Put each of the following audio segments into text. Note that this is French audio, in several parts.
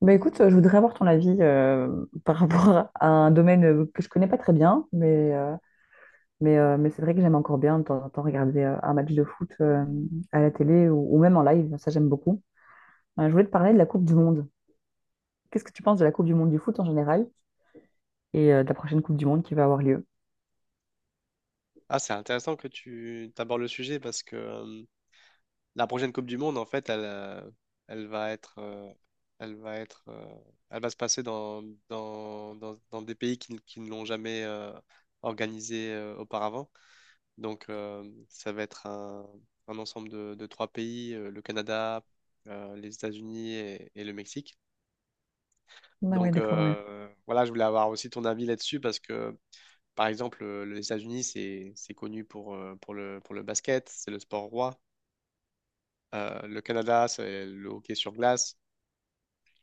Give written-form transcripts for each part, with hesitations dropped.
Bah écoute, je voudrais avoir ton avis par rapport à un domaine que je connais pas très bien, mais c'est vrai que j'aime encore bien de temps en temps regarder un match de foot à la télé ou même en live, ça j'aime beaucoup. Je voulais te parler de la Coupe du Monde. Qu'est-ce que tu penses de la Coupe du Monde du foot en général et de la prochaine Coupe du Monde qui va avoir lieu? Ah, c'est intéressant que tu abordes le sujet parce que la prochaine Coupe du Monde, en fait, elle, elle va être, elle va être, elle va se passer dans, dans, dans, dans des pays qui ne l'ont jamais organisée auparavant. Ça va être un ensemble de trois pays, le Canada, les États-Unis et le Mexique. Ah oui, d'accord, ouais. Voilà, je voulais avoir aussi ton avis là-dessus parce que par exemple, les États-Unis, c'est connu pour, pour le basket, c'est le sport roi. Le Canada, c'est le hockey sur glace.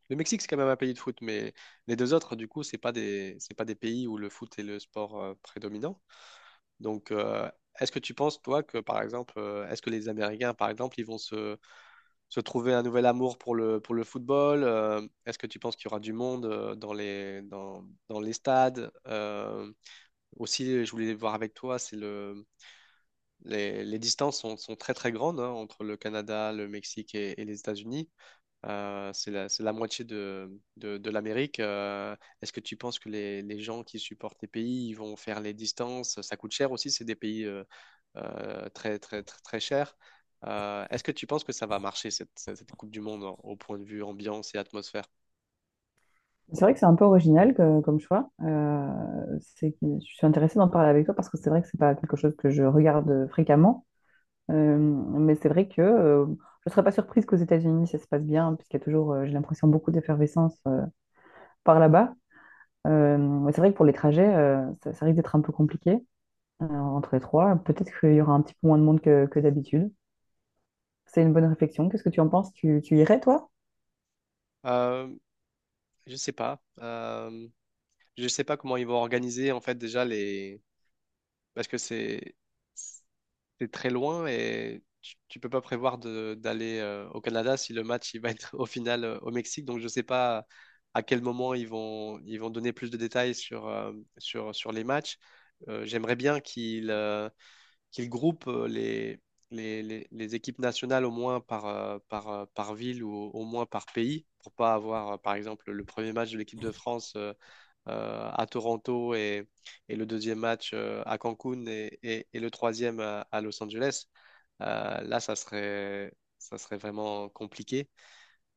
Le Mexique, c'est quand même un pays de foot, mais les deux autres, du coup, c'est pas des pays où le foot est le sport prédominant. Donc, euh, est-ce que tu penses, toi, que par exemple, est-ce que les Américains, par exemple, se trouver un nouvel amour pour pour le football? Est-ce que tu penses qu'il y aura du monde dans dans les stades? Aussi, je voulais voir avec toi, les distances sont très très grandes hein, entre le Canada, le Mexique et les États-Unis. C'est la moitié de l'Amérique. Est-ce que tu penses que les gens qui supportent les pays ils vont faire les distances? Ça coûte cher aussi, c'est des pays très très très très chers. Est-ce que tu penses que ça va marcher cette Coupe du Monde hein, au point de vue ambiance et atmosphère? C'est vrai que c'est un peu original comme choix. Je suis intéressée d'en parler avec toi parce que c'est vrai que c'est pas quelque chose que je regarde fréquemment. Mais c'est vrai que je ne serais pas surprise qu'aux États-Unis ça se passe bien, hein, puisqu'il y a toujours, j'ai l'impression, beaucoup d'effervescence par là-bas. Mais c'est vrai que pour les trajets, ça risque d'être un peu compliqué entre les trois. Peut-être qu'il y aura un petit peu moins de monde que d'habitude. C'est une bonne réflexion. Qu'est-ce que tu en penses? Tu irais, toi? Euh, je sais pas. Je sais pas comment ils vont organiser en fait déjà les parce que c'est très loin et tu peux pas prévoir d'aller au Canada si le match il va être au final au Mexique. Donc je sais pas à quel moment ils vont donner plus de détails sur sur les matchs. J'aimerais bien qu'ils groupent les les équipes nationales au moins par, par, par ville ou au moins par pays pour pas avoir par exemple le premier match de l'équipe de France à Toronto et le deuxième match à Cancun et le troisième à Los Angeles, euh, là, ça serait, ça serait vraiment compliqué.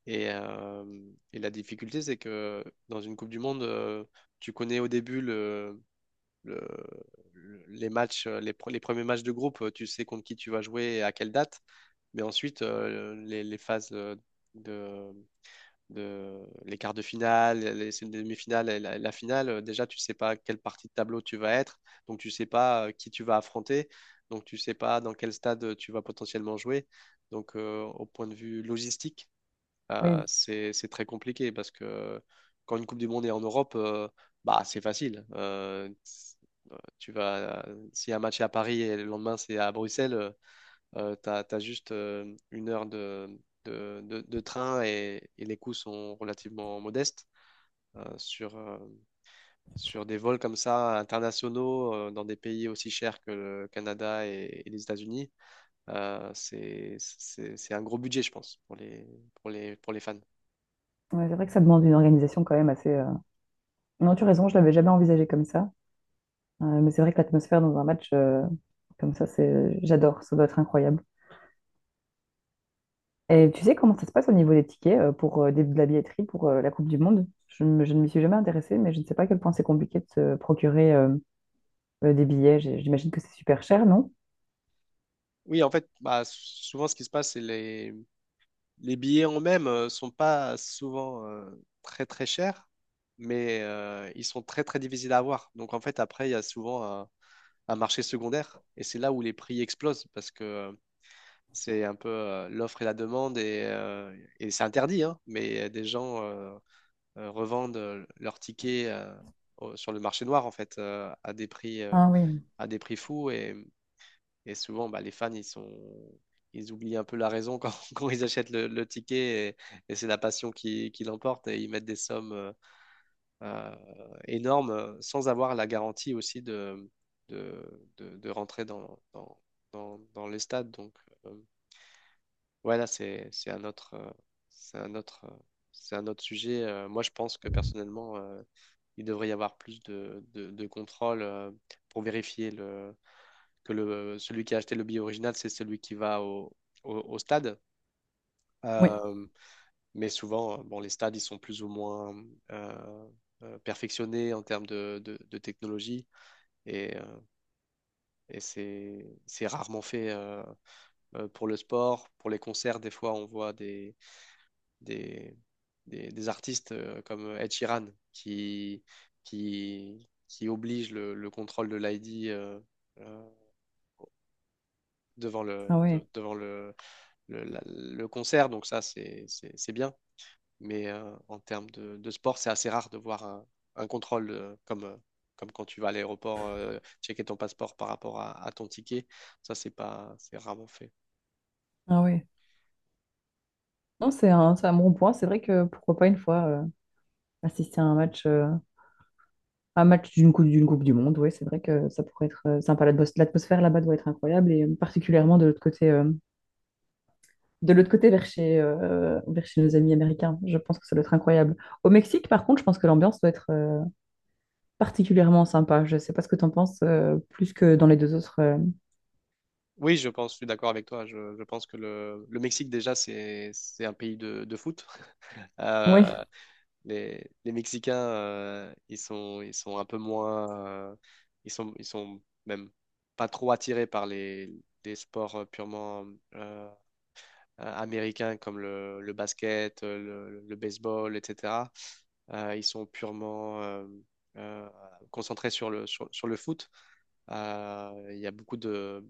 Et, euh, et la difficulté, c'est que dans une Coupe du Monde, tu connais au début le- les matchs, les premiers matchs de groupe, tu sais contre qui tu vas jouer et à quelle date. Mais ensuite, les phases de, de les quarts de finale, les demi-finales et la finale, déjà tu sais pas quelle partie de tableau tu vas être, donc tu sais pas qui tu vas affronter, donc tu sais pas dans quel stade tu vas potentiellement jouer. Au point de vue logistique, Oui, c'est très compliqué parce que quand une Coupe du Monde est en Europe, bah c'est facile. Si un match est à Paris et le lendemain c'est à Bruxelles, t'as, t'as juste une heure de train et les coûts sont relativement modestes. Euh, sur, euh, Sur des vols comme ça, internationaux, dans des pays aussi chers que le Canada et les États-Unis, c'est un gros budget, je pense, pour les fans. ouais, c'est vrai que ça demande une organisation quand même assez, non, tu as raison, je l'avais jamais envisagé comme ça. Mais c'est vrai que l'atmosphère dans un match comme ça, j'adore, ça doit être incroyable. Et tu sais comment ça se passe au niveau des tickets pour de la billetterie pour la Coupe du Monde? Je ne m'y suis jamais intéressée, mais je ne sais pas à quel point c'est compliqué de se procurer des billets. J'imagine que c'est super cher, non? Oui, en fait, bah, souvent ce qui se passe, les billets en eux-mêmes sont pas souvent très très chers, mais ils sont très très difficiles à avoir. Donc en fait, après, il y a souvent un marché secondaire. Et c'est là où les prix explosent parce que c'est un peu l'offre et la demande et c'est interdit, hein, mais des gens revendent leurs tickets sur le marché noir en fait Ah oui, à des prix fous et souvent bah, les fans, ils oublient un peu la raison quand, quand ils achètent le ticket et c'est la passion qui l'emporte et ils mettent des sommes euh, énorme sans avoir la garantie aussi de rentrer dans les stades. Donc euh, voilà, c'est un autre, c'est un autre, C'est un autre sujet. Moi, je pense que personnellement, il devrait y avoir plus de contrôle pour vérifier que celui qui a acheté le billet original, c'est celui qui va au stade. oui, Euh, mais souvent, bon, les stades, ils sont plus ou moins euh, perfectionnés en termes de technologie. Et, euh, et c'est rarement fait pour le sport. Pour les concerts, des fois, on voit des, des artistes comme Ed Sheeran qui, qui oblige le contrôle de l'ID euh, ah oui, devant le concert. Donc ça, c'est bien. Mais en termes de sport, c'est assez rare de voir un contrôle comme quand tu vas à l'aéroport checker ton passeport par rapport à ton ticket. Ça, c'est pas, c'est rarement fait. ah oui. Non, c'est un bon point. C'est vrai que pourquoi pas une fois assister à un match, d'une Coupe du Monde. Oui, c'est vrai que ça pourrait être sympa. L'atmosphère là-bas doit être incroyable et particulièrement de l'autre côté, vers vers chez nos amis américains. Je pense que ça doit être incroyable. Au Mexique, par contre, je pense que l'ambiance doit être particulièrement sympa. Je ne sais pas ce que tu en penses, plus que dans les deux autres. Oui, je pense, je suis d'accord avec toi. Je pense que le Mexique, déjà, c'est un pays de foot. Euh, Oui, les Mexicains, ils sont un peu moins. Ils sont même pas trop attirés par les sports purement. euh, Américains comme le basket, le baseball, etc. Ils sont purement euh, concentrés sur sur le foot. Il y a beaucoup de,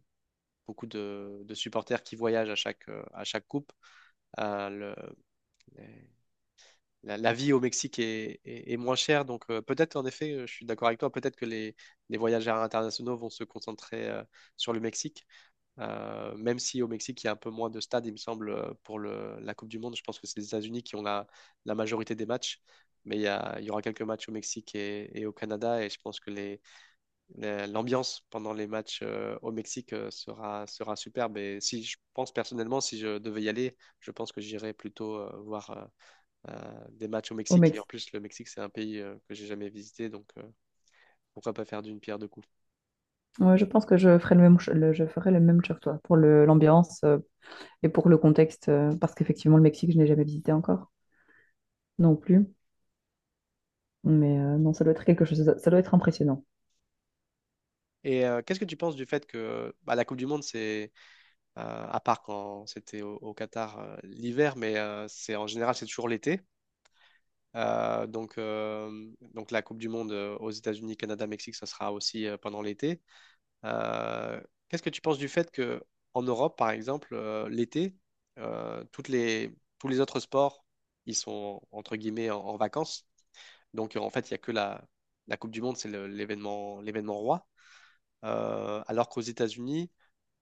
beaucoup de supporters qui voyagent à chaque coupe. Euh, le- la vie au Mexique est moins chère, donc peut-être en effet, je suis d'accord avec toi, peut-être que les voyageurs internationaux vont se concentrer sur le Mexique, même si au Mexique, il y a un peu moins de stades, il me semble, pour la Coupe du Monde. Je pense que c'est les États-Unis qui ont la majorité des matchs. Mais il y aura quelques matchs au Mexique et au Canada. Et je pense que l'ambiance pendant les matchs au Mexique sera superbe. Et si je pense personnellement, si je devais y aller, je pense que j'irais plutôt voir des matchs au au Mexique. Et en Mexique. plus, le Mexique, c'est un pays que j'ai jamais visité. Pourquoi pas faire d'une pierre deux coups. Ouais, je pense que je ferai le même, cho- le- je ferai le même choix que toi pour l'ambiance et pour le contexte, parce qu'effectivement, le Mexique, je n'ai jamais visité encore non plus. Mais non, ça doit être quelque chose, ça doit être impressionnant. Et qu'est-ce que tu penses du fait que bah, la Coupe du Monde, c'est à part quand c'était au Qatar l'hiver, mais c'est en général c'est toujours l'été. Donc la Coupe du Monde aux États-Unis, Canada, Mexique, ça sera aussi pendant l'été. Euh, Qu'est-ce que tu penses du fait que en Europe, par exemple, l'été, euh, toutes les, tous les autres sports, ils sont entre guillemets en vacances. En fait, il n'y a que la Coupe du Monde, c'est l'événement roi. Alors qu'aux États-Unis,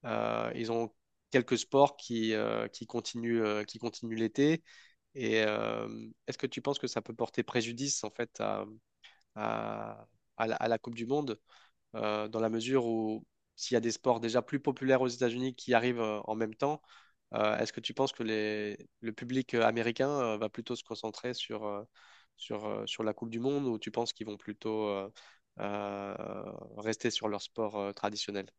ils ont quelques sports qui continuent l'été. Et euh, Est-ce que tu penses que ça peut porter préjudice en fait à- à la Coupe du Monde dans la mesure où s'il y a des sports déjà plus populaires aux États-Unis qui arrivent en même temps, est-ce que tu penses que le public américain va plutôt se concentrer sur la Coupe du Monde ou tu penses qu'ils vont plutôt euh, rester sur leur sport traditionnel?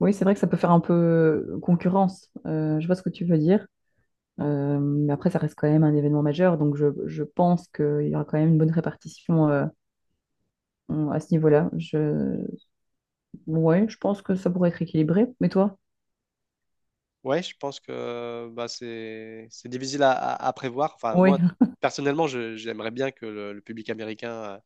Oui, c'est vrai que ça peut faire un peu concurrence. Je vois ce que tu veux dire. Mais après, ça reste quand même un événement majeur, donc je pense qu'il y aura quand même une bonne répartition à ce niveau-là. Je... Ouais, je pense que ça pourrait être équilibré. Mais toi? Ouais, je pense que bah, c'est difficile à prévoir. Enfin, Oui, moi, personnellement, j'aimerais bien que le public américain euh,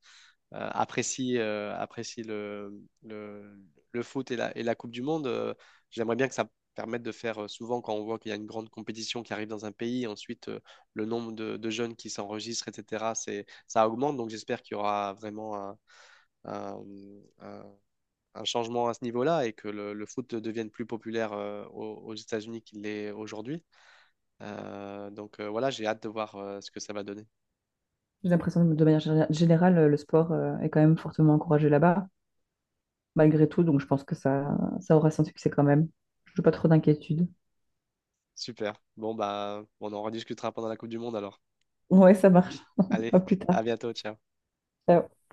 euh, apprécie, euh, apprécie le foot et la Coupe du Monde. J'aimerais bien que ça permette de faire souvent quand on voit qu'il y a une grande compétition qui arrive dans un pays, ensuite le nombre de jeunes qui s'enregistrent, etc., ça augmente. Donc j'espère qu'il y aura vraiment un, un- un changement à ce niveau-là et que le foot devienne plus populaire aux États-Unis qu'il l'est aujourd'hui. Voilà, j'ai hâte de voir ce que ça va donner. j'ai l'impression que de manière générale, le sport est quand même fortement encouragé là-bas, malgré tout, donc je pense que ça aura son succès quand même. Je n'ai pas trop d'inquiétude. Super. Bon, bah, on en rediscutera pendant la Coupe du Monde alors. Ouais, ça marche. Allez, À plus tard. à bientôt, ciao. Ciao.